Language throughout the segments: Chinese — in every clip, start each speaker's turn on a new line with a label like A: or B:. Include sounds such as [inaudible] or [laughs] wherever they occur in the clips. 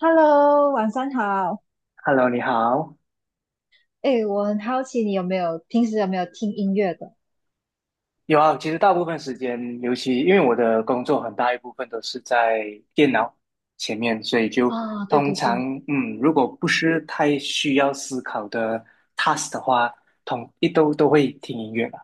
A: Hello，晚上好。
B: Hello，你好。
A: 哎，我很好奇你有没有平时有没有听音乐的？
B: 有啊，其实大部分时间，尤其因为我的工作很大一部分都是在电脑前面，所以就
A: 啊、对
B: 通
A: 对
B: 常，
A: 对，
B: 如果不是太需要思考的 task 的话，统一都会听音乐吧。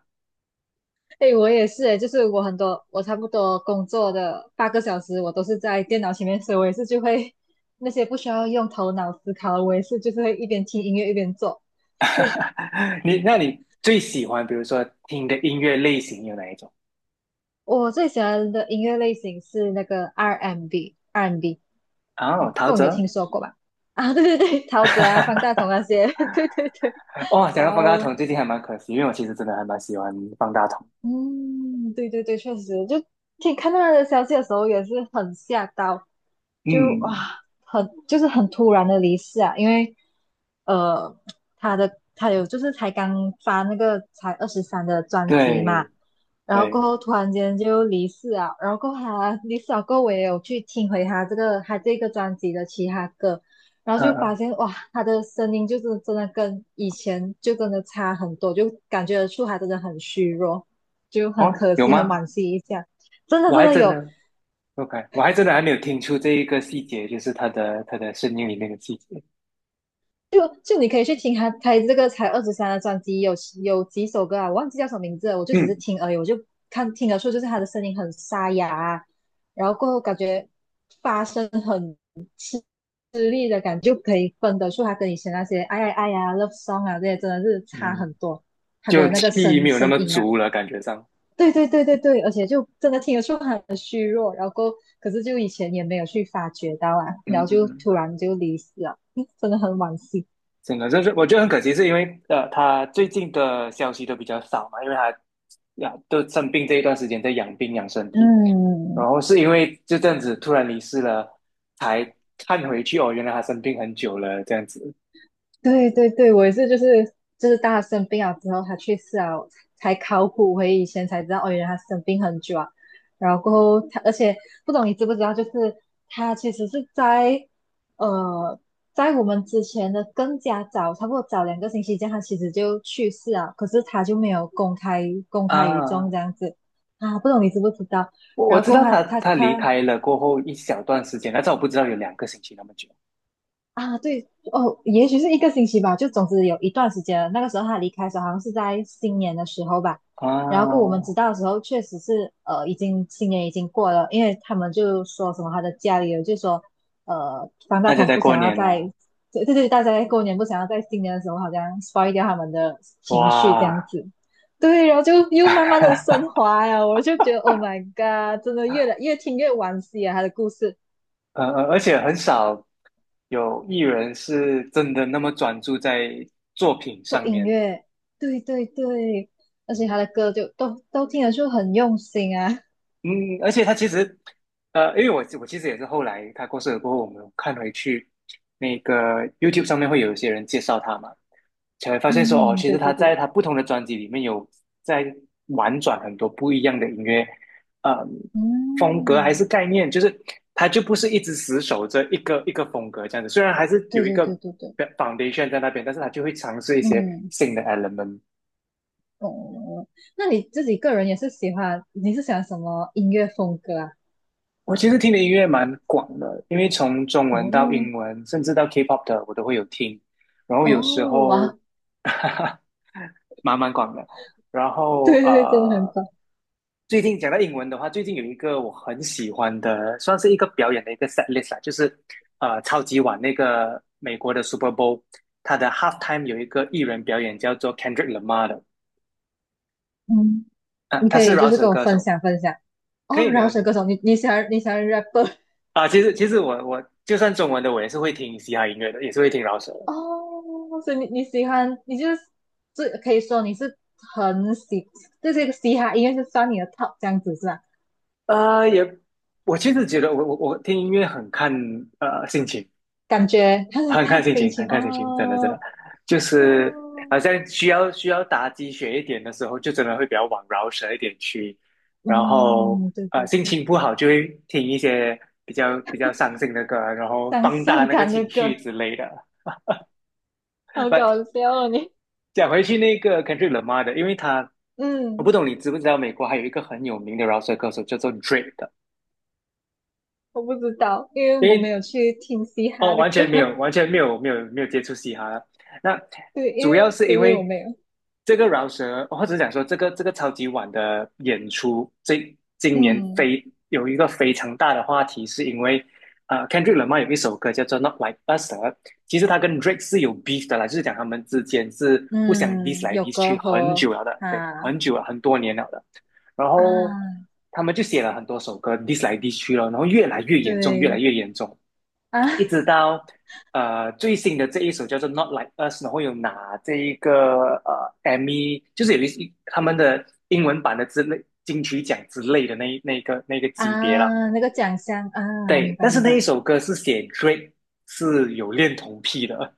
A: 哎，我也是，哎，就是我很多，我差不多工作的8个小时，我都是在电脑前面，所以我也是就会那些不需要用头脑思考的，我也是就是会一边听音乐一边做。[laughs] 对，
B: [laughs] 你，那你最喜欢，比如说听的音乐类型有哪一种？
A: 我最喜欢的音乐类型是那个 R&B，R&B，
B: 哦，陶
A: 不，你有
B: 喆。
A: 听说过吧？啊，对对对，陶喆啊，方大同那
B: [laughs]
A: 些，[laughs] 对对对。
B: 哦，讲
A: 哇
B: 到方大
A: 哦，
B: 同，最近还蛮可惜，因为我其实真的还蛮喜欢方大同。
A: 嗯，对对对，确实，就听看到他的消息的时候也是很吓到，就啊，
B: 嗯，
A: 很就是很突然的离世啊，因为呃，他有就是才刚发那个才二十三的专辑嘛，
B: 对
A: 然后过
B: 对，
A: 后突然间就离世啊，然后过后他离世了过后，我也有去听回他这个他这个专辑的其他歌，然后
B: 嗯
A: 就发
B: 嗯
A: 现哇，他的声音就是真的跟以前就真的差很多，就感觉得出他真的很虚弱，就很
B: 哦，
A: 可
B: 有
A: 惜，很
B: 吗？
A: 惋惜一下。真的
B: 我
A: 真
B: 还
A: 的
B: 真
A: 有，
B: 的，OK,我还真的还没有听出这一个细节，就是他的声音里面的细节。
A: 就你可以去听他这个才二十三的专辑，有几首歌啊，我忘记叫什么名字了，我就只是
B: 嗯
A: 听而已，我就看听得出就是他的声音很沙哑啊然后过后感觉发声很吃力的感觉，就可以分得出他跟以前那些哎呀哎呀 love song 啊这些真的是差很
B: 嗯，
A: 多，他
B: 就
A: 的那个
B: 气
A: 声
B: 没有那
A: 声
B: 么
A: 音啊，
B: 足了，感觉上。
A: 对对对对对，而且就真的听得出他很虚弱，然后过后可是就以前也没有去发觉到啊，
B: 嗯
A: 然后
B: 嗯
A: 就
B: 嗯，
A: 突然就离世了，[laughs] 真的很惋惜，
B: 真的，就是我觉得很可惜，是因为他最近的消息都比较少嘛，因为他呀都生病这一段时间在养病养身体，然
A: 嗯。
B: 后是因为就这样子突然离世了，才看回去哦，原来他生病很久了，这样子
A: 对对对，我也是，就是就是大他生病了之后，他去世啊，才考古回以前才知道，哦，原来他生病很久啊。然后过后他，而且不懂你知不知道，就是他其实是在呃，在我们之前的更加早，差不多早2个星期这样，他其实就去世了，可是他就没有公开于
B: 啊。
A: 众这样子啊，不懂你知不知道？
B: 我
A: 然后
B: 知
A: 过
B: 道
A: 后他
B: 他
A: 他
B: 他离
A: 他
B: 开了过后一小段时间，但是我不知道有两个星期那么久
A: 啊，对哦，也许是一个星期吧，就总之有一段时间了。那个时候他离开的时候，好像是在新年的时候吧。然后过我
B: 啊。
A: 们知道的时候，确实是已经新年已经过了，因为他们就说什么他的家里人就说，方大
B: 大家
A: 同
B: 在
A: 不
B: 过
A: 想要
B: 年
A: 在，
B: 了，
A: 对对对，大家在过年不想要在新年的时候好像 spoil 掉他们的情绪这样
B: 哇，
A: 子。对，然后就又慢慢的升
B: [laughs]
A: 华呀，我就觉得 Oh my God,真的越来越听越惋惜啊，他的故事。
B: 而且很少有艺人是真的那么专注在作品
A: 做
B: 上
A: 音
B: 面。
A: 乐，对对对，而且
B: 嗯，
A: 他的歌就都听得出很用心啊。
B: 嗯而且他其实，因为我其实也是后来他过世了过后，我们有看回去那个 YouTube 上面会有一些人介绍他嘛，才会发
A: 嗯，
B: 现说，哦，
A: 嗯嗯
B: 其实
A: 对对
B: 他在
A: 对，
B: 他不同的专辑里面有在玩转很多不一样的音乐，嗯，风格还
A: 嗯，
B: 是概念，就是他就不是一直死守着一个风格这样子。虽然还是
A: 对
B: 有一
A: 对
B: 个
A: 对对对，
B: foundation 在那边，但是他就会尝试一些
A: 嗯，
B: 新的 element。
A: 哦，哦哦那你自己个人也是喜欢，你是喜欢什么音乐风格啊？
B: 我其实听的音乐蛮广的，因为从中文到
A: 哦
B: 英文，甚至到 K-pop 的我都会有听，然后有时
A: 哦，
B: 候
A: 哇，
B: [laughs] 蛮广的，然
A: [laughs]
B: 后
A: 对对对，真的很
B: 呃。
A: 棒。
B: 最近讲到英文的话，最近有一个我很喜欢的，算是一个表演的一个 set list 啦，就是超级碗那个美国的 Super Bowl,它的 halftime 有一个艺人表演叫做 Kendrick Lamar 的，
A: 嗯，
B: 啊，
A: 你
B: 他
A: 可
B: 是
A: 以就
B: 饶
A: 是
B: 舌
A: 跟我
B: 歌
A: 分
B: 手，
A: 享分享。
B: 可
A: 哦，
B: 以没
A: 饶
B: 问
A: 舌
B: 题
A: 歌手，你你喜欢你喜欢 rapper？
B: 啊。其实我就算中文的，我也是会听嘻哈音乐的，也是会听饶舌的。
A: 哦，所以你你喜欢，你就是最可以说你是很喜，这是嘻哈音乐是算你的 top 这样子是吧？
B: 呃，也我其实觉得我听音乐很看心情，
A: 感觉看
B: 很
A: 看
B: 看心
A: 心
B: 情，很
A: 情
B: 看心情，真的真的，
A: 哦
B: 就是
A: 哦，
B: 好像需要打鸡血一点的时候，就真的会比较往饶舌一点去，然后
A: 嗯，对对
B: 心
A: 对，
B: 情不好就会听一些比较伤心的歌，然后
A: 伤
B: 放大
A: 伤
B: 那个
A: 感的
B: 情绪
A: 歌，
B: 之类的。
A: 好
B: 不，
A: 搞笑哦你，
B: 讲回去那个 Kendrick Lamar 的，因为他我不
A: 嗯，
B: 懂你知不知道美国还有一个很有名的饶舌歌手叫做 Drake 的，
A: 我不知道，因为
B: 因
A: 我没
B: 为
A: 有去听嘻哈
B: 哦，
A: 的
B: 完
A: 歌，
B: 全没有，
A: [laughs]
B: 完全没有，没有，没有接触嘻哈了。那
A: 对，因
B: 主要
A: 为
B: 是
A: 对
B: 因
A: 对我
B: 为
A: 没有，
B: 这个饶舌，或者讲说这个超级碗的演出，这今年
A: 嗯
B: 非有一个非常大的话题，是因为Kendrick Lamar 有一首歌叫做《Not Like Us》,其实他跟 Drake 是有 beef 的啦，就是讲他们之间是互相 diss
A: 嗯，
B: 来
A: 有
B: diss
A: 隔
B: 去很
A: 阂
B: 久了的，对，
A: 啊
B: 很久了，很多年了的。然
A: 啊，
B: 后他们就写了很多首歌 diss 来 diss 去了，然后越来越严重，越来
A: 对
B: 越严重。
A: 啊。
B: 一直到最新的这一首叫做《Not Like Us》,然后有拿这一个就是他们的英文版的之类金曲奖之类的那那个级别啦。
A: 啊，那个奖项啊，明
B: 对，但
A: 白
B: 是
A: 明
B: 那一
A: 白。
B: 首歌是写 Drake 是有恋童癖的，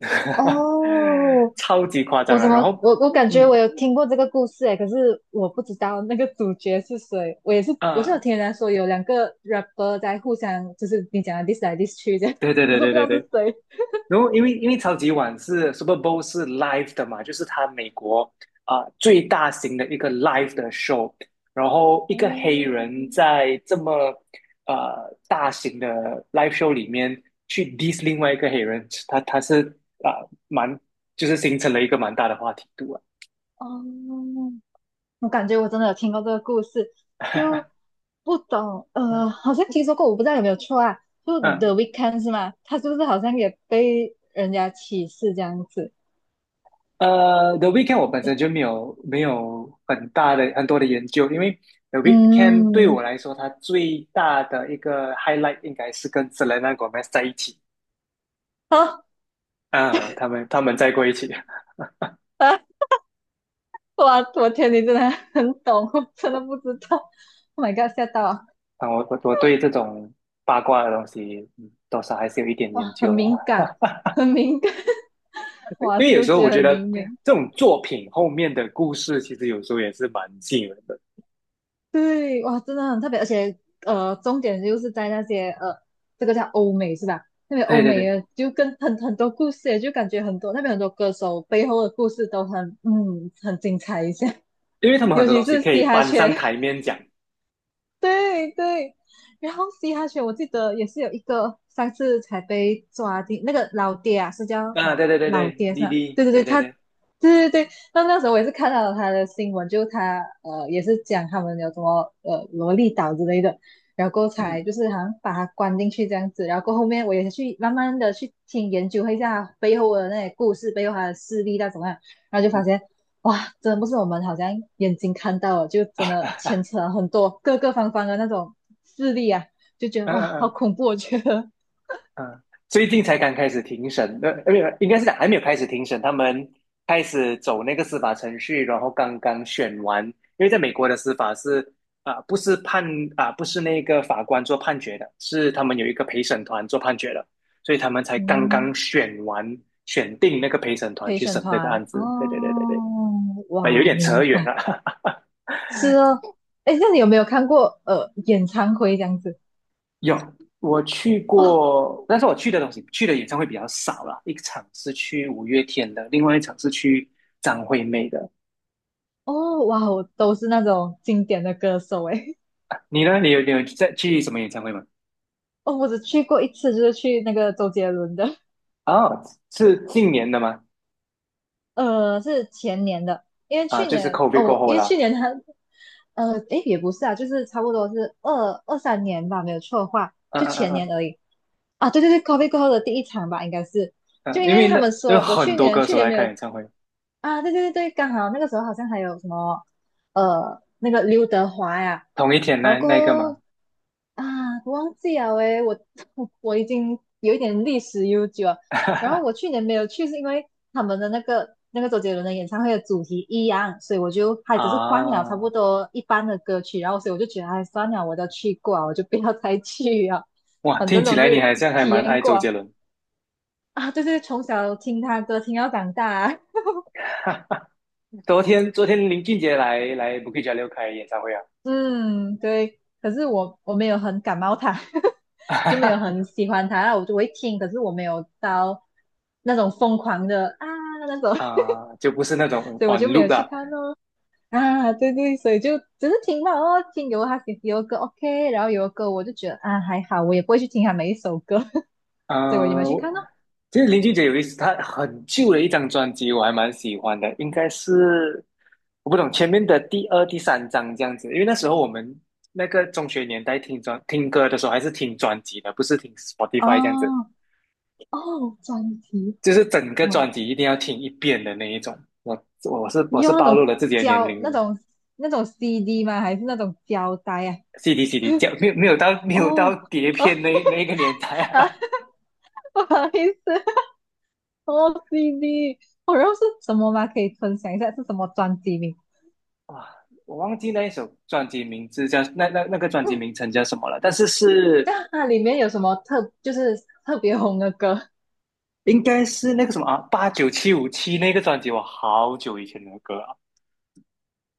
B: [laughs]
A: 哦，
B: 超级夸张
A: 我
B: 啊！
A: 怎么
B: 然后
A: 我感觉
B: 嗯
A: 我有听过这个故事诶，可是我不知道那个主角是谁。我也是，我是
B: 啊、
A: 有
B: 呃
A: 听人家说有两个 rapper 在互相，就是你讲的 diss 来 diss 去这样，
B: 对对
A: 可
B: 对
A: 是我不
B: 对
A: 知
B: 对
A: 道是
B: 对，
A: 谁。
B: 然后因为因为超级碗是 Super Bowl 是 live 的嘛，就是它美国最大型的一个 live 的 show,然后一个黑
A: 哦
B: 人在这么呃大型的 live show 里面去 diss 另外一个黑人，他是蛮就是形成了一个蛮大的话题度啊，
A: 哦，我感觉我真的有听过这个故事，就不懂好像听说过，我不知道有没有错啊。就
B: 嗯。
A: The Weeknd e 是吗？他是不是好像也被人家歧视这样子？
B: The Weeknd e 我本身就没有很多的研究，因为 The Weeknd e 对
A: 嗯，
B: 我来说，它最大的一个 highlight 应该是跟 Selena Gomez 在一起
A: [laughs] 啊
B: 啊，他们在过一起啊，
A: 啊，哇，我天，你真的很懂，[laughs] 我真的不知道。Oh my god,吓到啊！
B: 我对这种八卦的东西嗯多少还是有一点
A: 哇，
B: 研
A: 很
B: 究了，
A: 敏感，很敏感，[laughs]
B: [laughs]
A: 哇，
B: 因为有
A: 嗅
B: 时候
A: 觉
B: 我觉
A: 很
B: 得
A: 灵敏。
B: 这种作品后面的故事，其实有时候也是蛮吸引人的。
A: 对，哇，真的很特别，而且重点就是在那些这个叫欧美是吧？那边欧
B: 对对
A: 美
B: 对，
A: 的就跟很多故事，就感觉很多那边很多歌手背后的故事都很嗯很精彩一些，
B: 因为他
A: [laughs]
B: 们很
A: 尤
B: 多
A: 其
B: 东西
A: 是
B: 可以
A: 嘻哈
B: 搬上
A: 圈，
B: 台面讲
A: 对对，然后嘻哈圈我记得也是有一个上次才被抓进那个老爹啊，是叫什
B: 啊，
A: 么
B: 对对对
A: 老
B: 对，
A: 爹是
B: 滴
A: 吧？
B: 滴，
A: 对对
B: 对
A: 对，
B: 对
A: 他对
B: 对，
A: 对对，那时候我也是看到他的新闻，就他也是讲他们有什么萝莉岛之类的，然后过后才
B: 嗯。
A: 就是好像把他关进去这样子，然后过后后面我也去慢慢的去听研究一下他背后的那些故事，背后他的事例到怎么样，然后就发
B: 嗯
A: 现哇，真的不是我们好像眼睛看到了，就真的牵扯了很多各个方方的那种势力啊，就觉得
B: 嗯
A: 哇，
B: 嗯
A: 好
B: 嗯
A: 恐怖！我觉得，
B: 嗯，最近才刚开始庭审的，没有，应该是讲还没有开始庭审，他们开始走那个司法程序，然后刚刚选完，因为在美国的司法是啊、不是判不是那个法官做判决的，是他们有一个陪审团做判决的，所以他们才刚刚
A: 嗯，
B: 选完，选定那个陪审团
A: 陪
B: 去
A: 审
B: 审这个
A: 团
B: 案子。对对对对
A: 哦，
B: 对，啊有
A: 哇，
B: 点扯
A: 明
B: 远
A: 白，
B: 了。[laughs]
A: 是哦。哎，那你有没有看过演唱会这样子？
B: 有，我去
A: 哦
B: 过，但是我去的去的演唱会比较少啦。一场是去五月天的，另外一场是去张惠妹的。
A: 哦，哇，我都是那种经典的歌手哎。[laughs]
B: 你呢？你有在去什么演唱会吗？
A: 哦，我只去过一次，就是去那个周杰伦的。
B: 哦，是近年的吗？
A: 是前年的，因为
B: 啊，
A: 去
B: 就是
A: 年
B: COVID 过
A: 哦，
B: 后
A: 因为去
B: 啦。
A: 年他，也不是啊，就是差不多是二二三年吧，没有错的话，
B: 嗯
A: 就
B: 嗯嗯
A: 前
B: 嗯
A: 年而已。啊，对对对，COVID f 过后的第一场吧，应该是，就
B: 嗯，
A: 因
B: 因为
A: 为他
B: 那
A: 们
B: 有
A: 说我
B: 很
A: 去
B: 多
A: 年
B: 歌
A: 去
B: 手
A: 年
B: 来
A: 没
B: 开
A: 有
B: 演唱会，
A: 啊，对对对对，刚好那个时候好像还有什么，那个刘德华呀，
B: 同一天
A: 然
B: 那
A: 后过
B: 那个吗？
A: 后啊，忘记了诶，我 [laughs] 我已经有一点历史悠久，然后
B: [laughs]
A: 我去年没有去，是因为他们的那个周杰伦的演唱会的主题一样，所以我就还只是换了差不
B: 啊，
A: 多一般的歌曲，然后所以我就觉得，哎，算了，我都去过了我就不要再去了，
B: 哇，
A: 反
B: 听
A: 正
B: 起
A: 都
B: 来你
A: 是
B: 好像还
A: 体
B: 蛮
A: 验
B: 爱周
A: 过
B: 杰伦。[laughs]
A: 啊，就是从小听他歌听到长大，
B: 昨天林俊杰来 Bukit Jalil 开演唱会啊。
A: [laughs] 嗯，对，可是我没有很感冒他，[laughs] 就没有
B: [laughs]
A: 很喜欢他，然后我就会听，可是我没有到那种疯狂的啊那种，[laughs]
B: 啊、就不是那种
A: 所以我
B: on
A: 就
B: l
A: 没
B: o
A: 有去
B: 啦。
A: 看哦。[laughs] 啊，对对，所以就只是听到哦，听有他有歌 OK,然后有歌我就觉得啊还好，我也不会去听他每一首歌，[laughs] 所以我也没有
B: 嗯、
A: 去
B: 我
A: 看哦。
B: 其实林俊杰有意思，他很旧的一张专辑，我还蛮喜欢的，应该是我不懂前面的第二、第三张这样子，因为那时候我们那个中学年代听听歌的时候，还是听专辑的，不是听
A: 哦
B: Spotify 这样子，
A: 哦，专辑
B: 就是整个专
A: 哇，
B: 辑一定要听一遍的那一种。我我是
A: 你
B: 我是
A: 用那
B: 暴露
A: 种
B: 了自己的年
A: 胶
B: 龄了
A: 那
B: 嘛
A: 种那种 CD 吗？还是那种胶带啊？
B: ？CD CD 讲没有到
A: 哦
B: 碟
A: 哦
B: 片那
A: [laughs]
B: 一个年代
A: 啊，
B: 啊。
A: 不好意思，哦 CD,哦然后是什么吗？可以分享一下是什么专辑名？
B: 哇，我忘记那一首专辑名字叫那专辑名称叫什么了，但是
A: [laughs]
B: 是
A: 那它里面有什么特就是特别红的歌？
B: 应该是那个什么啊，八九七五七那个专辑，我好久以前的歌啊，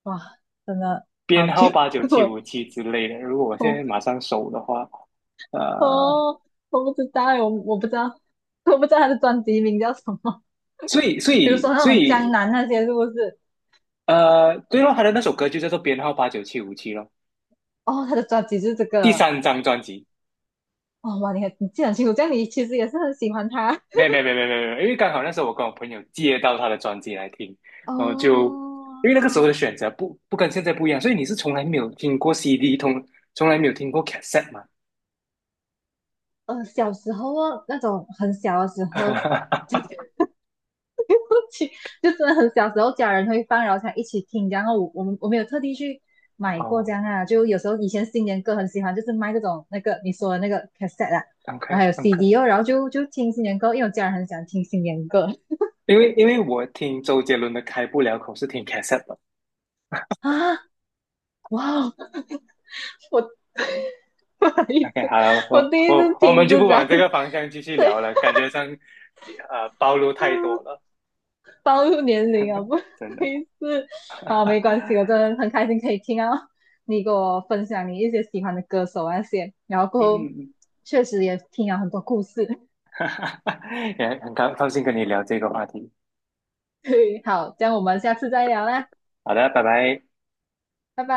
A: 哇，真的好
B: 编
A: 久，
B: 号八九
A: [laughs]
B: 七
A: 我
B: 五七之类的。如果我现
A: 我
B: 在马上搜的话，呃，
A: 哦，我不知道欸，我不知道，我不知道他的专辑名叫什么。
B: 所以所
A: [laughs] 比如
B: 以
A: 说那
B: 所
A: 种江
B: 以
A: 南那些是不是？
B: 呃，对咯，他的那首歌就叫做编号八九七五七咯，
A: 哦，他的专辑就是这
B: 第
A: 个。
B: 三张专辑。
A: 哦，哇，你很你记得很清楚，这样你其实也是很喜欢他。
B: 没有因为刚好那时候我跟我朋友借到他的专辑来听，
A: [laughs] 哦，
B: 然后就因为那个时候的选择不不跟现在不一样，所以你是从来没有听过 CD,从来没有听过 cassette 吗？
A: 小时候哦那种很小的时候，
B: [laughs]
A: 去，[laughs] 就真的很小时候家人会放，然后才一起听。然后我没有特地去买过这
B: 哦
A: 样啊，就有时候以前新年歌很喜欢，就是卖这种那个你说的那个 cassette 啊，然后
B: ，OK
A: 还有
B: OK,
A: CD 哦，然后就听新年歌，因为我家人很喜欢听新年歌
B: 因为我听周杰伦的《开不了口》是听 cassette 的。
A: 啊。哇哦，[laughs] 我不好意
B: OK,
A: 思，
B: 好了，
A: 我
B: 我
A: 第一次
B: 我我们
A: 听
B: 就
A: 是
B: 不
A: 在
B: 往这个方向继续
A: 对。
B: 聊了，感觉上呃暴露太多
A: 嗯
B: 了，
A: 暴露年龄啊，[laughs] 不好
B: 真的。
A: 意思。
B: [laughs]
A: 啊，没关系，我真的很开心可以听到你给我分享你一些喜欢的歌手啊那些，然后
B: 嗯
A: 过
B: 嗯
A: 后
B: 嗯，
A: 确实也听了很多故事。[laughs]
B: [laughs] 也很高高兴跟你聊这个话题。
A: 对，好，这样我们下次再聊啦，
B: 好的，拜拜。
A: 拜拜。